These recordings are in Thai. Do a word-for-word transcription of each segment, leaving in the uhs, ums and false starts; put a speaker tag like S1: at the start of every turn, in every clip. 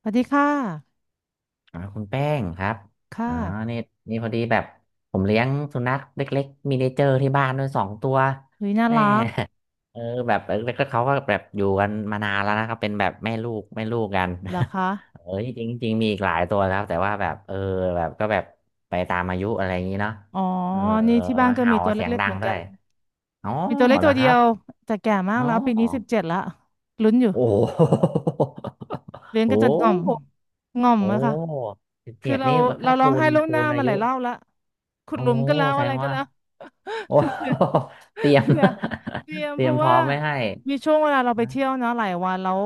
S1: สวัสดีค่ะ
S2: อ่าคุณแป้งครับ
S1: ค่ะ
S2: อ่านี่นี่พอดีแบบผมเลี้ยงสุนัขเล็กๆมินิเจอร์ที่บ้านด้วยสองตัว
S1: หุยน่า
S2: แม่
S1: รัก
S2: เออแบบเออแล้วก็เขาก็แบบอยู่กันมานานแล้วนะครับเป็นแบบแม่ลูกแม่ลูกกัน
S1: เหรอคะ
S2: เออจริงๆจริงมีอีกหลายตัวแล้วแต่ว่าแบบเออแบบก็แบบไปตามอายุอะไรอย่างนี้เนาะ
S1: อ๋อ
S2: เออ
S1: นี่ที่บ้านก็
S2: เห่า
S1: มีตัว
S2: เสียง
S1: เล็กๆ
S2: ดั
S1: เห
S2: ง
S1: มือน
S2: ด้
S1: กั
S2: ว
S1: น
S2: ย อ๋อ
S1: มีตัวเล็ก
S2: เหร
S1: ตั
S2: อ
S1: ว
S2: ค
S1: เดี
S2: รั
S1: ย
S2: บ
S1: วแต่แก่มาก
S2: อ๋
S1: แล้ว ปีนี้สิบ
S2: อ
S1: เจ็ดละลุ้นอยู่
S2: โอ้โห
S1: เลี้ ยง
S2: โอ้
S1: กันจนง่อม
S2: โห
S1: ง่อม
S2: โอ้
S1: อะค่ะคือ
S2: เจ็ด
S1: เรา
S2: นี่
S1: เรา
S2: ถ้า
S1: ร้อง
S2: คู
S1: ไห้
S2: ณ
S1: ล่วง
S2: คู
S1: หน้า
S2: ณอา
S1: มาหลา
S2: ยุ
S1: ยรอบละขุด
S2: โอ้
S1: หลุมก็แล้ว
S2: แส
S1: อะ
S2: ด
S1: ไร
S2: ง
S1: ก็
S2: ว่า
S1: แล้ว
S2: โอ้
S1: คือ
S2: เตรียม
S1: เผื่อเตรีย ม
S2: เต
S1: เพ
S2: รียม
S1: ราะ
S2: พร้อ
S1: ว่า
S2: มไม่ให้
S1: มีช่วงเวลาเราไป
S2: นะ
S1: เที่ยวนะหลายวันแล้ว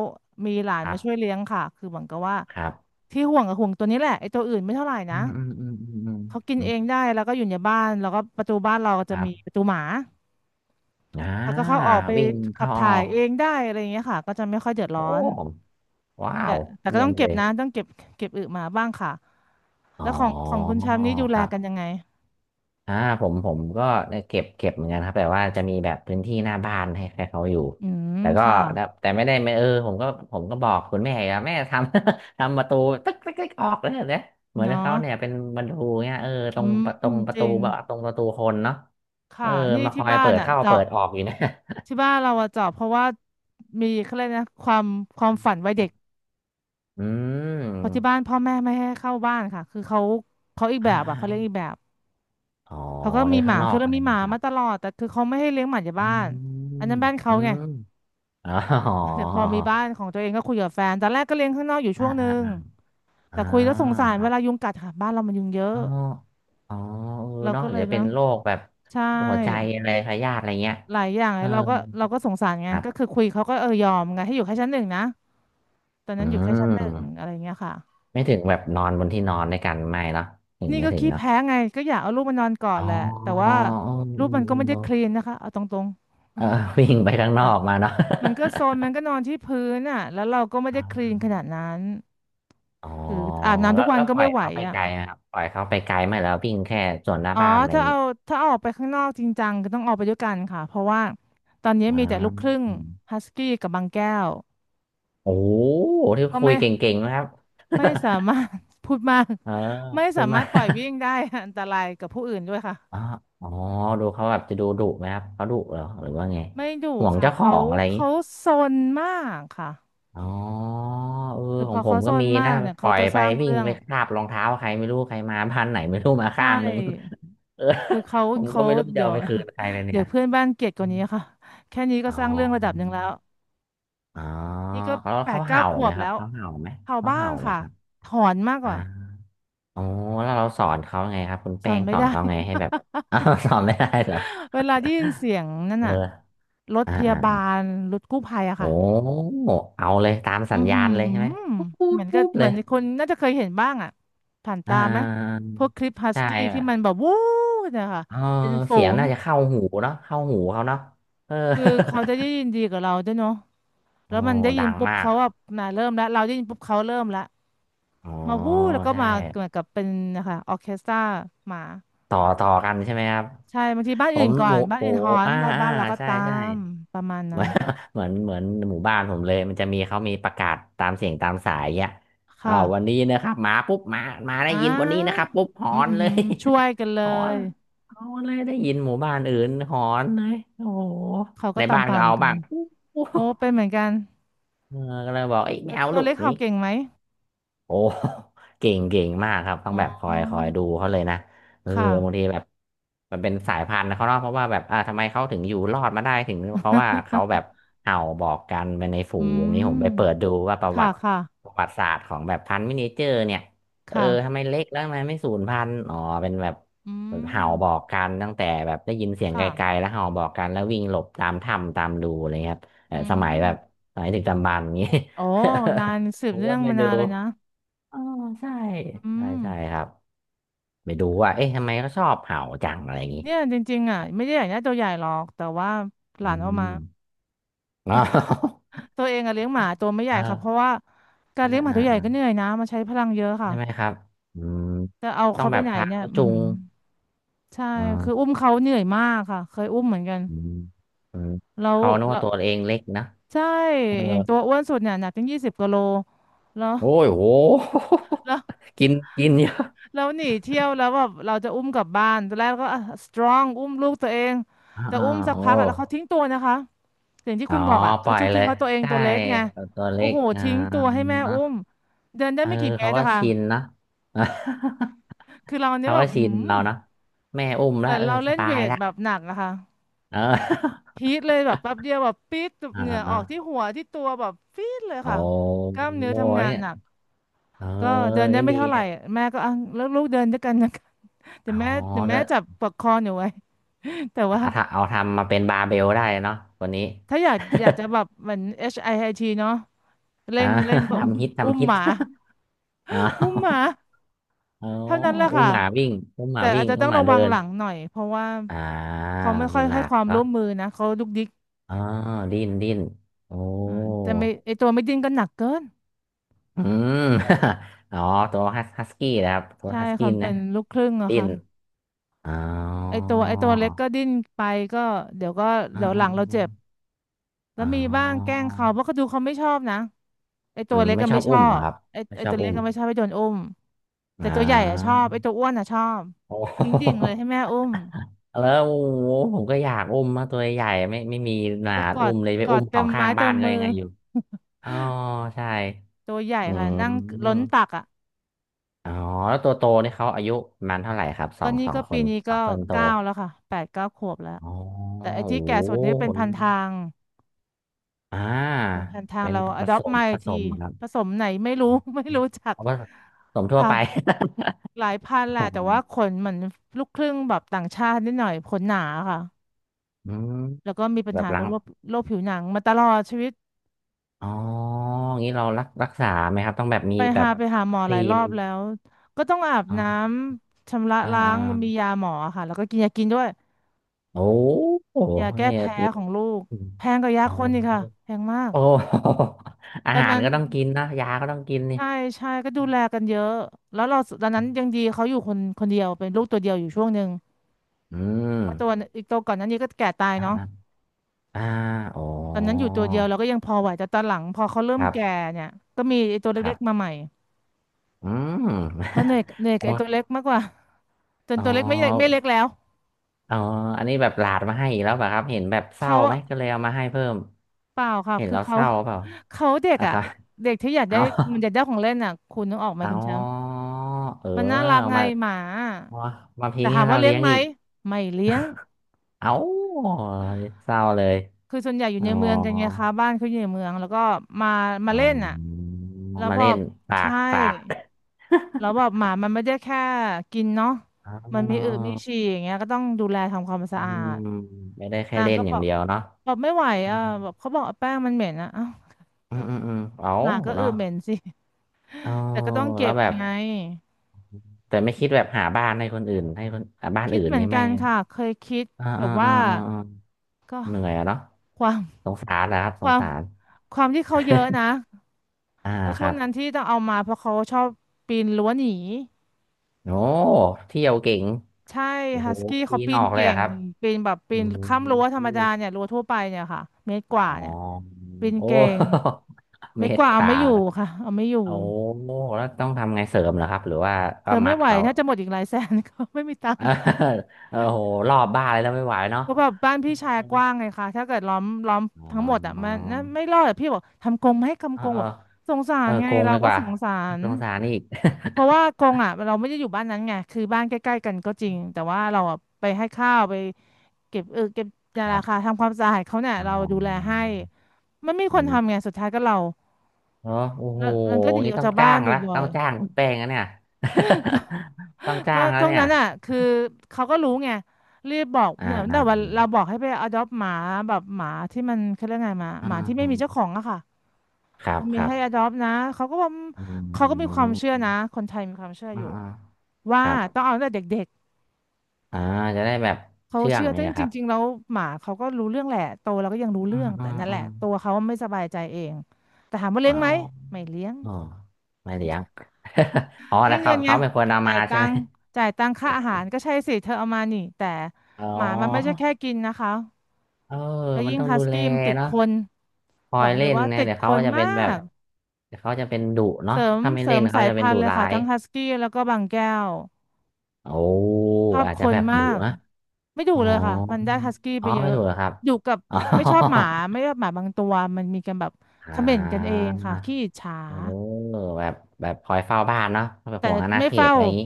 S1: มีหลา
S2: ค
S1: น
S2: รั
S1: มาช่วย
S2: บ
S1: เลี้ยงค่ะคือเหมือนกับว่า
S2: ครับ
S1: ที่ห่วงกับห่วงตัวนี้แหละไอ้ตัวอื่นไม่เท่าไหร่
S2: อื
S1: นะ
S2: มอืมอืมอืมอืม
S1: เขากิน
S2: อื
S1: เอง
S2: ม
S1: ได้แล้วก็อยู่ในบ้านแล้วก็ประตูบ้านเราก็
S2: ค
S1: จะ
S2: รั
S1: มี
S2: บ
S1: ประตูหมา
S2: อ่า
S1: แล้วก็เข้าออกไป
S2: วิ่ง
S1: ขับ
S2: เข้าอ
S1: ถ่า
S2: อ
S1: ย
S2: ก
S1: เองได้อะไรอย่างเงี้ยค่ะก็จะไม่ค่อยเดือดร้
S2: โอ้
S1: อน
S2: ว้า
S1: แต่
S2: ว
S1: แต่ก็
S2: เยี่ย
S1: ต้อ
S2: ม
S1: งเก็
S2: เล
S1: บ
S2: ย
S1: นะต้องเก็บเก็บอึมาบ้างค่ะ
S2: อ๋อ
S1: แล้วของของคุณชามนี้ดู
S2: ค
S1: แล
S2: รั
S1: กันยั
S2: บ
S1: งไง
S2: อ่าผมผมก็ได้เก็บเก็บเหมือนกันครับแต่ว่าจะมีแบบพื้นที่หน้าบ้านให้ให้เขาอยู่
S1: อืม
S2: แต่ก็
S1: ค่ะ
S2: แต่ไม่ได้ไม่เออผมก็ผมก็บอกคุณแม่ครับแม่ทำ ทำประตูตึ๊กตึ๊กตึ๊กออกเลยเนี่ยเหมือน
S1: เนาะ
S2: เขาเนี่ยเป็นประตูเงี้ยเออตร
S1: อื
S2: งประตรง
S1: ม
S2: ป
S1: จ
S2: ระ
S1: ริ
S2: ตู
S1: ง
S2: แบบตรงประตูคนเนาะเออ
S1: ค่ะนี่
S2: มาค
S1: ที่
S2: อย
S1: บ้า
S2: เปิ
S1: น
S2: ด
S1: อ่ะ
S2: เข้าเปิ
S1: เจาะ
S2: ดออกอยู่นะ
S1: ที่บ้านเราอะเจาะเพราะว่ามีเขาเรียกนะความความฝันวั ยเด็ก
S2: อื
S1: เพราะที่บ้าน
S2: ม
S1: พ่อแม่ไม่ให้เข้าบ้านค่ะคือเขาเขาอีก
S2: อ่
S1: แบบอะเขาเลี้ยง
S2: า
S1: อีกแบบ
S2: อ๋อ
S1: เขาก็มี
S2: เลี้ยง
S1: ห
S2: ข้า
S1: มา
S2: งนอ
S1: คือ
S2: ก
S1: เรา
S2: อะไรอ
S1: มี
S2: ย่าง
S1: ห
S2: เงี้
S1: มา
S2: ยครั
S1: มา
S2: บ
S1: ตลอดแต่คือเขาไม่ให้เลี้ยงหมาจาก
S2: อื
S1: บ้านอัน
S2: ม
S1: นั้นบ้านเขา
S2: อื
S1: ไง
S2: มอ๋อ
S1: แต่พอมีบ้านของตัวเองก็คุยกับแฟนตอนแรกก็เลี้ยงข้างนอกอยู่
S2: อ่า
S1: ช่วงห
S2: อ่า
S1: นึ่งแต่
S2: อ่า
S1: คุยแล้วสงสาร
S2: ค
S1: เว
S2: รับ
S1: ลายุงกัดค่ะบ้านเรามันยุงเยอะ
S2: อ๋ออ๋อเออ
S1: เรา
S2: เนาะ
S1: ก็เล
S2: เดี๋
S1: ย
S2: ยวเป็
S1: นะ
S2: นโรคแบบ
S1: ใช่
S2: หัวใจอะไรพยาธิอะไรเงี้ย
S1: หลายอย่างเล
S2: เออ
S1: ยเราก็เราก็สงสารไง
S2: ครั
S1: ก็คือ
S2: บ
S1: คุยเขาก็เออยอมไงให้อยู่แค่ชั้นหนึ่งนะตอน
S2: อื
S1: นั้นอยู่แค่ชั้นหนึ่งอะ
S2: ม
S1: ไรเงี้ยค่ะ
S2: ไม่ถึงแบบนอนบนที่นอนด้วยกันไม่เนาะถึง
S1: นี่
S2: ไม่
S1: ก็
S2: ถึง
S1: ขี้
S2: เนาะ
S1: แพ้ไงก็อยากเอาลูกมานอนกอด
S2: อ๋อ
S1: แหละแต่ว่า
S2: เอ
S1: อ๋อลูกมันก็
S2: อ
S1: ไม่ได้คลีนนะคะเอาตรง
S2: เออ วิ่งไปข้าง
S1: ๆ
S2: น
S1: อ่ะ
S2: อกมาเนาะ
S1: มันก็โซนมันก็นอนที่พื้นอ่ะแล้วเราก็ไม่ได้คลีน ขนาดนั้น
S2: อ๋อ
S1: คืออาบน้ำ
S2: แล้
S1: ทุก
S2: ว
S1: วัน
S2: แล้ว
S1: ก็
S2: ปล่อ
S1: ไม่
S2: ย
S1: ไหว
S2: เขาไป
S1: อ่ะ
S2: ไกลนะครับปล่อยเขาไปไกลไหมแล้ววิ่งแค่ส่วนหน้า
S1: อ๋อ
S2: บ้านอะไรอ
S1: ถ้า
S2: ย่างนี้
S1: เอาถ้าเอาออกไปข้างนอกจริงจังก็ต้องออกไปด้วยกันค่ะเพราะว่าตอนนี้
S2: อ่า
S1: มีแต่ลูกครึ่ง
S2: อืม
S1: ฮัสกี้กับบางแก้ว
S2: โอ้โหที่
S1: ก็
S2: คุ
S1: ไม่
S2: ยเก่งๆนะครับ
S1: ไม่สา มารถ พูดมาก
S2: เออขอ
S1: ไม่
S2: บคุ
S1: สา
S2: ณ
S1: มา
S2: มา
S1: รถปล่อยวิ่ง
S2: ก
S1: ได้อันตรายกับผู้อื่นด้วยค่ะ
S2: อ๋ออ๋อดูเขาแบบจะดูดุไหมครับเขาดุเหรอหรือว่าไง
S1: ไม่ดุ
S2: ห่วง
S1: ค่ะ
S2: เจ้าขอ
S1: เขา
S2: งอะไรอย่างงี้
S1: เขาโซนมากค่ะ
S2: อ๋อเออ
S1: คือ
S2: ข
S1: พ
S2: อง
S1: อ
S2: ผ
S1: เขา
S2: ม
S1: ซ
S2: ก็
S1: น
S2: มี
S1: มา
S2: นะ
S1: กเนี่ย
S2: ป
S1: เขา
S2: ล่อย
S1: จะส
S2: ไป
S1: ร้าง
S2: วิ่ง
S1: เรื่อง
S2: ไปคาบรองเท้าใครไม่รู้ใครมา พันไหนไม่รู้มา
S1: ใช
S2: ข้างนึง
S1: ่
S2: เออ
S1: คือเขา
S2: ผมก็
S1: เขา
S2: ไม่รู้จะ
S1: เดี๋ย
S2: เอา
S1: ว
S2: ไปคืนใครเลย เนี่
S1: เดี๋ย
S2: ย
S1: วเพื่อนบ้านเกลียดก
S2: อ
S1: ว่า
S2: ม
S1: นี้ค่ะแค่นี้ก็
S2: อ๋อ
S1: สร้างเรื่องระดับหนึ่งแล้ว
S2: อ๋อ
S1: นี่ก็
S2: แล้ว
S1: แปด
S2: เขา
S1: เก้า
S2: เห่า
S1: ขว
S2: ไหม
S1: บ
S2: ครั
S1: แล้
S2: บ
S1: ว
S2: เขาเห่าไหม
S1: เผา
S2: เขา
S1: บ้า
S2: เห่า
S1: ง
S2: ไหม
S1: ค่ะ
S2: ครับ
S1: ถอนมากก
S2: อ่า
S1: ว่า
S2: อ๋อแล้วเราสอนเขาไงครับคุณ
S1: สอ
S2: แป้
S1: น
S2: ง
S1: ไม่
S2: สอน
S1: ได้
S2: เขาไงให้แบบ อ้า วสอนไม่ได้เหรอ
S1: เวลาได้ยินเสียงนั่น
S2: เล
S1: น่ะ
S2: ย
S1: รถ
S2: อ่า
S1: พยา
S2: อ่า
S1: บาลรถกู้ภัยอะ
S2: โอ้
S1: ค่ะ
S2: เอาเลยตาม
S1: อื
S2: สัญ
S1: อ
S2: ญา
S1: หือ
S2: ณเลยใช่ไหมปุ๊บปุ๊
S1: เห
S2: บ
S1: มือนกั
S2: ปุ๊
S1: บ
S2: บ
S1: เห
S2: เล
S1: มือ
S2: ย
S1: นคนน่าจะเคยเห็นบ้างอะผ่าน
S2: อ่
S1: ตาไหม
S2: า
S1: พวกคลิปฮัส
S2: ใช่
S1: กี้
S2: แบ
S1: ที่
S2: บ
S1: มันแบบวู้เนี่ยค่ะ
S2: เออ
S1: เป็นฝู
S2: เสียง
S1: ง
S2: น่าจะเข้าหูเนาะเข้าหูเขาเนาะเออ
S1: คือเขาจะได้ยินดีกับเราด้วยเนาะ แล้
S2: โอ้
S1: วมันได้ยิ
S2: ดั
S1: น
S2: ง
S1: ปุ๊บ
S2: มาก
S1: เขาแบบน่ะเริ่มแล้วเราได้ยินปุ๊บเขาเริ่มละ
S2: อ๋อ
S1: มาวู้แล้วก็
S2: ใช
S1: มาเหมือน
S2: ่
S1: กับเป็นนะคะออร์เคสตรามา
S2: ต่อต่อกันใช่ไหมครับ
S1: ใช่บางทีบ้าน
S2: ผ
S1: อื่น
S2: ม
S1: ก่อ
S2: หมู
S1: นบ้าน
S2: โอ้
S1: อื่นหอน
S2: อ่า
S1: แล้ว
S2: อ่า
S1: บ้านเราก็
S2: ใช่
S1: ตา
S2: ใช่
S1: มประมาณ
S2: เห
S1: นั้
S2: มือ
S1: น
S2: น เหมือนเหมือนหมู่บ้านผมเลยมันจะมีเขามีประกาศตามเสียงตามสายอ่ะอ่า
S1: ค่ะ
S2: ววันนี้นะครับมาปุ๊บมามาได้
S1: อ่
S2: ยินวันนี้นะค
S1: า
S2: รับปุ๊บหอ
S1: อือ
S2: น
S1: หื
S2: เล
S1: อ
S2: ย
S1: ช่วยกันเล
S2: หอน
S1: ย
S2: หอนเลยได้ยินหมู่บ้านอื่นหอนเลยโอ้โห
S1: เขาก็
S2: ใน
S1: ตาม
S2: บ้าน
S1: ตา
S2: ก็
S1: ม
S2: เอา
S1: กั
S2: บ้า
S1: น
S2: ง
S1: โอ้เป็นเหมือนกัน
S2: เออก็เลยบอกเอ้ยไม่
S1: แล้ว
S2: เอา
S1: ตัว
S2: ลูก
S1: เล็กเขา
S2: นี้
S1: เก่งไหม
S2: โอ้ เก่งเก่งมากครับ ต้อง
S1: อ๋
S2: แบบคอยคอย
S1: อ
S2: ดูเขาเลยนะเออ
S1: ค่ะ
S2: บางทีแบบมันเป็นสายพันธุ์นะเขาเนาะเพราะว่าแบบอ่าทำไมเขาถึงอยู่รอดมาได้ถึงเพราะว่าเขาแบ บเห่าบอกกันไปในฝู
S1: อื
S2: งนี้
S1: ม
S2: ผมไปเปิดดูว่าประวั
S1: ค่ะ
S2: ติ
S1: ค่ะ
S2: ประวัติศาสตร์ของแบบพันธุ์มินิเจอร์เนี่ย
S1: ค
S2: เออทำไม
S1: ่ะ
S2: เล็กแล้วทำไมไม่สูญพันธุ์อ๋อเป็นแบบ
S1: อื
S2: แบบเห่าบอก
S1: ม
S2: กันตั้งแต่แบบได้ยินเสียงไก
S1: ค่ะ
S2: ลๆแล้วเห่าบอกกันแล้ววิ่งหลบตามถ้ำตามรูอะไรเงี้ยครับเอ
S1: อื
S2: อสมัยแบบ
S1: ม
S2: สมัยดึกดำบรรพ์อย่างนี้
S1: อ๋อนานสื
S2: ผ
S1: บ
S2: ม
S1: เรื่
S2: ก็
S1: อง
S2: ไม่
S1: มานา
S2: รู้
S1: นเลยนะ
S2: อ๋อใช่
S1: อื
S2: ใช่
S1: ม
S2: ใช่ครับไปดูว่าเอ๊ะทำไมเขาชอบเห่าจังอะไรอย่างงี้
S1: เนี่ยจริงๆอ่ะไม่ได้อยากได้ตัวใหญ่หรอก แต่ว่าห
S2: อื
S1: ลานเอามา
S2: มอ๋อ
S1: ตัวเองอะเลี้ยงหมาตัวไม่ให ญ่ค่ะเพ
S2: เอ
S1: ราะ
S2: อ
S1: ว่าการ
S2: อ่า
S1: เลี้ยงหมา
S2: อ่า
S1: ตัวใหญ่
S2: อ่า
S1: ก็เหนื่อยนะมันใช้พลังเยอะค่ะ
S2: ใช่ไหมครับอืม
S1: จะเอา
S2: ต้อง
S1: เขาไป
S2: แบบ
S1: ไหน
S2: พา
S1: เนี่ย
S2: เขา
S1: อื
S2: จู
S1: ม
S2: ง
S1: ใช่
S2: อ่
S1: คือ
S2: า
S1: อุ้มเขาเหนื่อยมากค่ะเคยอุ้มเหมือนกัน
S2: อืมอืม
S1: แล้ว
S2: เขานึก
S1: แล้
S2: ว่า
S1: ว
S2: ตัวเองเล็กนะ
S1: ใช่
S2: เออ
S1: อย่างตัวอ้วนสุดเนี่ยหนักถึงยี่สิบกิโลแล้ว
S2: โอ้ยโห
S1: แล้ว
S2: กินกินเยอะ
S1: แล้วหนีเที่ยวแล้วแบบเราจะอุ้มกลับบ้านตอนแรกก็ strong อุ้มลูกตัวเอง
S2: อ่า
S1: แต่
S2: อ่า
S1: อุ้มสัก
S2: โอ้
S1: พักอะแล้วเขาทิ้งตัวนะคะอย่างที่
S2: อ๋อ
S1: คุณบอกอะ
S2: ป
S1: เขา
S2: ล่อ
S1: ช
S2: ย
S1: อบ
S2: เล
S1: คิด
S2: ย
S1: เขาตัวเองตั
S2: ใช่
S1: วเล็กไง
S2: ตัว
S1: โอ้
S2: เล็ก
S1: โห
S2: อ่า
S1: ทิ้งตัวให้แม่
S2: เนอะ
S1: อุ้มเดินได้
S2: เออ
S1: ไม่กี่เม
S2: เขา
S1: ตร
S2: ก็
S1: อะค่ะ
S2: ชินนะ
S1: คือเราเนี้ย
S2: เขา
S1: แบ
S2: ก็
S1: บหื
S2: ชิน
S1: ม
S2: เราเนาะแม่อุ้ม
S1: เห
S2: ละ
S1: มือน
S2: เออ
S1: เรา
S2: ส
S1: เล่น
S2: บา
S1: เว
S2: ย
S1: ท
S2: ละ
S1: แบบหนักอะค่ะ
S2: เออ
S1: ฮี ทเลยแบบแป๊บเดียวแบบปี๊ดแบบ
S2: อ่
S1: เหงื่อออกที่
S2: า
S1: หัวที่ตัวแบบฟีดเลย
S2: โอ้
S1: ค่ะกล้ามเนื้อ
S2: โห
S1: ทำงาน
S2: เนี่ย
S1: หนัก
S2: เออ
S1: ก็เดินได้
S2: นี่
S1: ไม่
S2: ดี
S1: เท่าไหร่แม่ก็อ่ะแล้วลูกเดินด้วยกันนะคะเดี๋
S2: อ๋
S1: ย
S2: อ
S1: วแม่เดี๋ยว
S2: แล้
S1: แม่
S2: ว
S1: จับปลอกคอหนูไว้แต่ว่า
S2: เอาถ้าเอาทำมาเป็นบาร์เบลได้เนาะคนนี้
S1: ถ้าอยากอยากจะแบบเหมือน เอช ไอ ไอ ที เนาะเร่
S2: อ่า
S1: งเร่ง ก็ อุ้ม
S2: ทำฮิต
S1: อุ้ม
S2: ทำฮิต
S1: หมา
S2: อ๋อ
S1: อุ้มหมา
S2: อ๋อ
S1: เท่านั้นแหละ
S2: อุ้ม
S1: ค่ะ
S2: หมาวิ่งอุ้มหมา
S1: แต่
S2: วิ่
S1: อาจ
S2: ง
S1: จะต้
S2: อุ้
S1: อ
S2: ม
S1: ง
S2: หมา
S1: ระวั
S2: เดิ
S1: ง
S2: น
S1: หลังหน่อยเพราะว่า
S2: อ่า
S1: เขาไม่ค่อ
S2: นี่
S1: ย
S2: ห
S1: ให้
S2: นั
S1: ค
S2: ก
S1: วาม
S2: เนาะ
S1: ร่วมมือนะเขาดุกดิก
S2: อ๋อดิ้นดิ้นโอ้
S1: อ่าแต่ไม่ไอตัวไม่ดิ้นก็หนักเกิน
S2: อืม อ๋อตัวฮัสฮัสกี้นะครับตัว
S1: ใช่
S2: ฮัสกี้
S1: ค่ะมันเป็
S2: นะ
S1: นลูกครึ่งอะ
S2: ดิ้
S1: ค่ะ
S2: นอ๋อ
S1: ไอตัวไอตัวเล็กก็ดิ้นไปก็เดี๋ยวก็
S2: อ่า
S1: เดี๋ยวห
S2: อ่า
S1: ลังเราเจ็บ
S2: อา
S1: แล้
S2: อ๋
S1: วมีบ้างแกล้
S2: อ
S1: งเขาเพราะเขาดูเขาไม่ชอบนะไอตั
S2: อื
S1: ว
S2: ม
S1: เล็ก
S2: ไม่
S1: ก็
S2: ชอ
S1: ไม่
S2: บ
S1: ช
S2: อุ้
S1: อ
S2: มเหรอ
S1: บ
S2: ครับ
S1: ไอ
S2: ไม่
S1: ไอ
S2: ชอ
S1: ตั
S2: บ
S1: วเล็
S2: อุ้
S1: ก
S2: ม
S1: ก็ไม่ชอบให้โดนอุ้ม
S2: อ่
S1: แต่ตัวใหญ่อะชอ
S2: า
S1: บไอตัวอ้วนอะชอบ
S2: โอ้
S1: ทิ้งดิ่งเลยให้แม่อุ้ม
S2: แล้วโอ้โหผมก็อยากอุ้มมาตัวใหญ่ไม่ไม่มีหนา
S1: ก็
S2: ด
S1: กอ
S2: อุ้
S1: ด
S2: มเลยไป
S1: กอ
S2: อุ้
S1: ด
S2: มข
S1: เต็
S2: อ
S1: ม
S2: งข้า
S1: ไม้
S2: ง
S1: เต็
S2: บ้าน
S1: ม
S2: ก็
S1: มื
S2: ยั
S1: อ
S2: งไงอยู่อ๋อใช่
S1: ตัวใหญ่
S2: อื
S1: ค่ะนั่งล้น
S2: ม
S1: ตักอ่ะ
S2: อ๋อแล้วตัวโตนี่เขาอายุประมันเท่าไหร่ครับส
S1: ต
S2: อ
S1: อน
S2: ง
S1: นี้
S2: สอ
S1: ก็
S2: งค
S1: ปี
S2: น
S1: นี้
S2: ส
S1: ก็
S2: องคนโต
S1: เก้าแล้วค่ะแปดเก้าขวบแล้ว
S2: อ๋อ
S1: แต่ไอ้ที่
S2: โอ้
S1: แก่สุดเนี่ยเป็
S2: โห
S1: นพันทาง
S2: อ่
S1: เป็น
S2: า
S1: พันทาง
S2: เป็น
S1: เราอ
S2: ผ
S1: ดอ
S2: ส
S1: ป
S2: ม
S1: มา
S2: ผ
S1: อีก
S2: ส
S1: ที
S2: มเหรอครับ
S1: ผสมไหนไม่รู้ ไม่รู้จัก
S2: เพราะว่าผสมทั่วไป
S1: ค่ะ หลายพันแห ละแต่
S2: ออ
S1: ว่าขนเหมือนลูกครึ่งแบบต่างชาตินิดหน่อยขนหนาค่ะ
S2: อืม
S1: แล้วก็มีปัญ
S2: แบบ
S1: หา
S2: หลั
S1: เรื่
S2: ง
S1: องโรคโรคผิวหนังมาตลอดชีวิต
S2: อ๋ออย่างนี้เรารักรักษาไหมครับต้องแบบมี
S1: ไป
S2: แบ
S1: หา
S2: บ
S1: ไปหาหมอ
S2: ค
S1: ห
S2: รี
S1: ลายรอ
S2: ม
S1: บแล้วก็ต้องอาบ
S2: อ๋
S1: น้
S2: อ
S1: ำชำระ
S2: อ่า
S1: ล้า
S2: อ่า
S1: งมียาหมอค่ะแล้วก็กินยากินด้วย
S2: โอ้โห
S1: ยาแก้
S2: เนี่ย
S1: แพ้
S2: มี
S1: ของลูก
S2: อม
S1: แพงกว่ายา
S2: อ๋อ
S1: คนอีกค่ะแพงมาก
S2: โอ้ อา
S1: ตอน
S2: หาร
S1: นั้น
S2: ก็ต้องกินนะยาก็ต้องกินนี่
S1: ใช่ใช่ก็ดูแลกันเยอะแล้วเราตอนนั้นยังดีเขาอยู่คนคนเดียวเป็นลูกตัวเดียวอยู่ช่วงหนึ่ง
S2: อืม
S1: เพราะตัวอีกตัวก่อนหนั้นนี้ก็แก่ตาย
S2: อ่า
S1: เนาะ
S2: อ่าอ่าอ๋อ
S1: ตอนนั้นอยู่ตัวเดียวเราก็ยังพอไหวแต่ตอนหลังพอเขาเริ่
S2: ค
S1: ม
S2: รั
S1: แก่
S2: บ
S1: เนี่ยก็มีไอ้ตัว
S2: ครั
S1: เล็กๆมา
S2: บ
S1: ใหม่
S2: อืม
S1: ก็เหนื่อยเหนื่อย กั
S2: อ๋
S1: บ
S2: อ
S1: ไอ้ตัวเล็กมากกว่าจน
S2: อ๋อ
S1: ตัวเล็กไม่เล็กไม่เล็กแล้ว
S2: อ๋ออันนี้แบบหลาดมาให้อีกแล้วเปล่ะครับเห็นแบบเศ
S1: เขา
S2: ร้าไหมก็เลยเอามาให้เพิ่ม
S1: เปล่าค่ะ
S2: เห็น
S1: คือ
S2: เรา
S1: เขา
S2: เศร้าเปล่า
S1: เขาเด็ก
S2: อะค
S1: อ่ะ
S2: รับ
S1: เด็กที่อ ยาก
S2: เอา
S1: ได้มันอยากได้ของเล่นอ่ะคุณนึกออกไหม
S2: เอ
S1: คุณแชมป์
S2: าเออ
S1: มันน่ารัก
S2: เอา
S1: ไง
S2: มา
S1: หมา
S2: มามา
S1: แต่
S2: ทิ้งให้
S1: ถาม
S2: เรา
S1: ว่าเลี้ย
S2: เลี้
S1: ง
S2: ยง
S1: ไหม
S2: อีก
S1: ไม่เลี้ยง
S2: เอ้าเศร้าเลย
S1: คือส่วนใหญ่อยู่
S2: อ๋อ
S1: ในเมืองกันไงคะบ้านเขาอยู่ในเมืองแล้วก็มามา
S2: อ๋
S1: เล่นอ่ะ
S2: อ
S1: แล้ว
S2: มา
S1: พอ
S2: เล่นฝาก
S1: ใช่
S2: ฝาก
S1: แล้วแบบหมามันไม่ได้แค่กินเนาะ
S2: อ๋
S1: มั
S2: อ
S1: นมีอึมีฉี่อย่างเงี้ยก็ต้องดูแลทำความ
S2: อื
S1: สะอา
S2: ม
S1: ด
S2: ไม่ได้แค่
S1: นาง
S2: เล่น
S1: ก็
S2: อ
S1: บ
S2: ย่า
S1: อ
S2: ง
S1: ก
S2: เดียวเนาะ
S1: บอกไม่ไหว
S2: อื
S1: อ่ะ
S2: ม
S1: แบบเขาบอกเอาแป้งมันเหม็นอ่ะเอ้า
S2: อื
S1: ก็
S2: มอืมอืมเอา
S1: หมาก็อึ
S2: เนาะ
S1: เหม็นสิ
S2: เออ
S1: แต่ก็ต้องเก็
S2: แล้ว
S1: บ
S2: แบบ
S1: ไง
S2: แต่ไม่คิดแบบหาบ้านให้คนอื่นให้คนอ่ะบ้าน
S1: คิด
S2: อื่น
S1: เหมือ
S2: นี่
S1: นกั
S2: ไม่
S1: นค่ะเคยคิด
S2: อ่า
S1: แต่
S2: อ่าอ่า
S1: ว่า
S2: อ่าอ่า
S1: ก็
S2: เหนื่อยอะเนาะ
S1: ความ
S2: สงสารนะครับ
S1: ค
S2: สง
S1: วาม
S2: สาร
S1: ความที่เขาเยอะนะ
S2: อ่า
S1: เพราะ
S2: ค
S1: ช่ว
S2: รั
S1: ง
S2: บ
S1: นั้นที่ต้องเอามาเพราะเขาชอบปีนรั้วหนี
S2: โอ้เที่ยวเก่ง
S1: ใช่
S2: โอ้
S1: ฮั
S2: โห
S1: สกี้
S2: ปี
S1: เขา
S2: น
S1: ปี
S2: อ
S1: น
S2: อกเลย
S1: เก่
S2: เหรอะ
S1: ง
S2: ครับ
S1: ปีนแบบปี
S2: อื
S1: นข้ามรั้วธรรมดา
S2: ม
S1: เนี่ยรั้วทั่วไปเนี่ยค่ะเมตร
S2: อ๋
S1: ก
S2: อ
S1: ว่าเนี่ยปีน
S2: โอ้
S1: เก่ง เม
S2: เม
S1: ตรก
S2: ตร
S1: ว่า
S2: ข
S1: เอา
S2: วา
S1: ไม่อยู่
S2: เหรอ
S1: ค่ะเอาไม่อยู่
S2: โอ้แล้วต้องทำไงเสริมเหรอครับหรือว่า
S1: เธ
S2: ก็
S1: อ
S2: มั
S1: ไม่
S2: ด
S1: ไหว
S2: เขา
S1: ถ้าจะหมดอีกหลายแสน ก็ไม่มีตั ง
S2: เอ
S1: ค์
S2: อโอ้โหรอบบ้านเลยแล้วไม่ไหวเนาะ
S1: ก็แบบบ้านพี่ชายกว้างไงคะถ้าเกิดล้อมล้อม
S2: อ
S1: ทั้งหมดอ่ะ
S2: ๋
S1: มั
S2: อ
S1: นนะไม่รอดอ่ะพี่บอกทำกรงไหม
S2: เอ
S1: ทำ
S2: อ
S1: กรง
S2: เอ
S1: บ
S2: อ
S1: อกสงสา
S2: เอ
S1: ร
S2: อ
S1: ไง
S2: โกง
S1: เรา
S2: เลยก
S1: ก็
S2: ว่า
S1: สงสาร
S2: สงสารนี่อีก
S1: เพราะว่ากรงอ่ะเราไม่ได้อยู่บ้านนั้นไงคือบ้านใกล้ๆกันก็จริงแต่ว่าเราอะไปให้ข้าวไปเก็บเออเก็บ นา
S2: ครั
S1: ละ
S2: บ
S1: ค่ะทำความสะอาดเขาเนี่ย
S2: อ๋อ
S1: เราดูแลให้มันไม่มี
S2: อื
S1: คน
S2: ม
S1: ทำไงสุดท้ายก็เรา
S2: เออโอ้โห
S1: แล้วมันก็หนี
S2: งี้
S1: ออก
S2: ต้อง
S1: จากบ้า
S2: จ้า
S1: น
S2: ง
S1: ไป
S2: ละ
S1: เล
S2: ต้อ
S1: ย
S2: งจ้างคุณแป้งนะเนี่ย ต้อง จ้า
S1: ก็
S2: งแล้
S1: ต
S2: ว
S1: รง
S2: เนี่ย
S1: นั้นอ่ะคือเขาก็รู้ไงรีบบอก
S2: อ่า
S1: เนี่ย
S2: อ่า
S1: แต่ว่าเราบอกให้ไป adopt หมาแบบหมาที่มันเขาเรียกไงหมาห
S2: อ่า
S1: มาที่ไม่มีเจ้าของอะค่ะ
S2: ครั
S1: มั
S2: บ
S1: นมี
S2: ครั
S1: ให้
S2: บ
S1: adopt นะเขาก็บอก
S2: อื
S1: เขาก็มีความเชื่อนะ
S2: ม
S1: คนไทยมีความเชื่ออ
S2: อ่า
S1: ยู่
S2: อ่าค
S1: ว่า
S2: รับ
S1: ต้องเอาตั้งแต่เด็ก
S2: อ่าจะได้แบบ
S1: ๆเขา
S2: เชื่อ
S1: เชื่
S2: ง
S1: อ
S2: เนี่
S1: ซึ่
S2: ย
S1: งจ
S2: ครับ
S1: ริงๆแล้วหมาเขาก็รู้เรื่องแหละโตเราก็ยังรู้
S2: อ่า
S1: เรื่อง
S2: อ่า
S1: แต่นั่นแห
S2: อ่า
S1: ละตัวเขาไม่สบายใจเองแต่ถามว่า
S2: อ๋
S1: เลี้
S2: อ
S1: ยงไหมไม่เลี้ยง
S2: อ๋อไม่เลี้ยง อ๋อ
S1: ให้
S2: แล้ว
S1: เงิ
S2: เขา
S1: นไง
S2: เขาเป็นคนเอา
S1: จ่า
S2: มา
S1: ย
S2: ใช่
S1: ตั
S2: ไหม
S1: งค์จ่ายตังค่าอาหารก็ใช่สิเธอเอามานี่แต่
S2: อ๋อ
S1: หมามันไม่ใช่แค่กินนะคะ
S2: เออ
S1: แล้ว
S2: มัน
S1: ยิ่ง
S2: ต้อง
S1: ฮั
S2: ดู
S1: ส
S2: แล
S1: กี้มันติด
S2: เนาะ
S1: คน
S2: คอ
S1: บ
S2: ย
S1: อกเล
S2: เล่
S1: ย
S2: น
S1: ว่า
S2: เนี่ย
S1: ติด
S2: เดี๋ยว
S1: ค
S2: เขา
S1: น
S2: จะเป็
S1: มา
S2: นแบบ
S1: ก
S2: เดี๋ยวเขาจะเป็นดุ
S1: เส
S2: เนาะ
S1: ริม
S2: ถ้าไม่
S1: เสริ
S2: เล่น
S1: ม
S2: เขา
S1: สาย
S2: จะเป็น
S1: พัน
S2: ดุ
S1: ธุ์เลย
S2: ร้า
S1: ค่ะ
S2: ย
S1: ทั้งฮัสกี้แล้วก็บางแก้ว
S2: โอ้
S1: ชอบ
S2: อาจ
S1: ค
S2: จะ
S1: น
S2: แบบ
S1: มา
S2: ดุ
S1: ก
S2: นะ
S1: ไม่ดุ
S2: อ๋อ
S1: เลยค่ะมันได้ฮัสกี้
S2: อ๋
S1: ไป
S2: อ
S1: เย
S2: ไม่
S1: อะ
S2: ดุเหรอครับ
S1: อยู่กับ
S2: อ๋อ
S1: ไม่ชอบหมาไม่ชอบหมาบางตัวมันมีกันแบบเข
S2: อ่า
S1: ม่นกันเองค่ะขี้อิจฉา
S2: เออแบบแบบคอยเฝ้าบ้านเนาะแบบ
S1: แต่
S2: ห่วงอาณา
S1: ไม่
S2: เขต
S1: เฝ้า
S2: อะไรอย่างนี้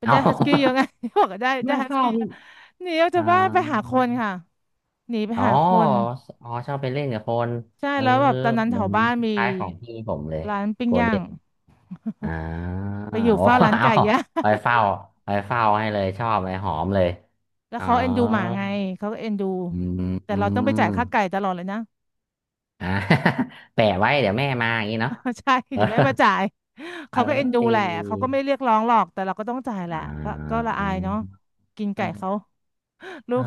S1: มัน
S2: เอา
S1: ได้ฮัสกี้เยอะไง บอกว่าได้ ได้
S2: ไม่
S1: ฮัส
S2: เฝ้า
S1: กี้
S2: พี่
S1: หนีออกจา
S2: อ่า
S1: กบ้านไปหาคนค่ะหนีไป
S2: อ๋อ
S1: หาคน
S2: อ๋อชอบไปเล่นกับคน
S1: ใช่
S2: เออ
S1: แล้วแบบตอนนั้น
S2: เห
S1: แถ
S2: มือ
S1: ว
S2: น
S1: บ้าน
S2: ค
S1: มี
S2: ล้ายๆของพี่ผมเลย
S1: ร้านปิ้
S2: โก
S1: ง
S2: ล
S1: ย่า
S2: เด้
S1: ง
S2: นอ่า
S1: ไป
S2: โอ
S1: อยู่
S2: ้
S1: เฝ้าร้า น
S2: เอา
S1: ไก่ย่าง
S2: คอยเฝ้าคอยเฝ้าให้เลยชอบเลยหอมเลย
S1: แล้ว
S2: อ๋อ
S1: เขาเอ็นดูหมาไงเขาก็เอ็นดู
S2: อืม
S1: แต่
S2: อื
S1: เราต้องไปจ่า
S2: ม
S1: ยค่าไก่ตลอดเลยนะ
S2: อ่า แปะไว้เดี๋ยวแม่มาอย่างนี้เนาะ
S1: ใช่
S2: เออ
S1: เดี๋ยวแม่มาจ่าย
S2: เอ
S1: เขาก็เอ็นดูแหละ
S2: อ
S1: เขาก็ไม่เรียกร้องหรอกแต่เราก็ต้องจ่ายแห
S2: อ
S1: ละก็ก็
S2: ่
S1: ละอายเนาะกินไก่เขา
S2: า
S1: ลู
S2: เออ
S1: ก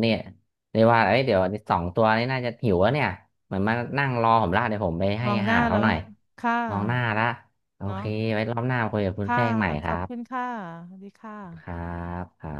S2: เนี่ยเรียกว่าเอ้ยเดี๋ยวสองตัวนี้น่าจะหิวแล้วเนี่ยเหมือนมานั่งรอผมละเดี๋ยวผมไป
S1: ม
S2: ให้
S1: อง
S2: อา
S1: หน้า
S2: หาร
S1: เรา
S2: เขา
S1: ไห
S2: ห
S1: ม
S2: น่อย
S1: คะค่ะ
S2: มองหน้าละโอ
S1: เนาะ
S2: เคไว้รอบหน้ามาคุยกับคุณ
S1: ค่ะ
S2: แป้งใหม่
S1: ข
S2: ค
S1: อ
S2: รั
S1: บคุณ
S2: บ
S1: ค่ะสวัสดีค
S2: ครั
S1: ่ะ
S2: บครับ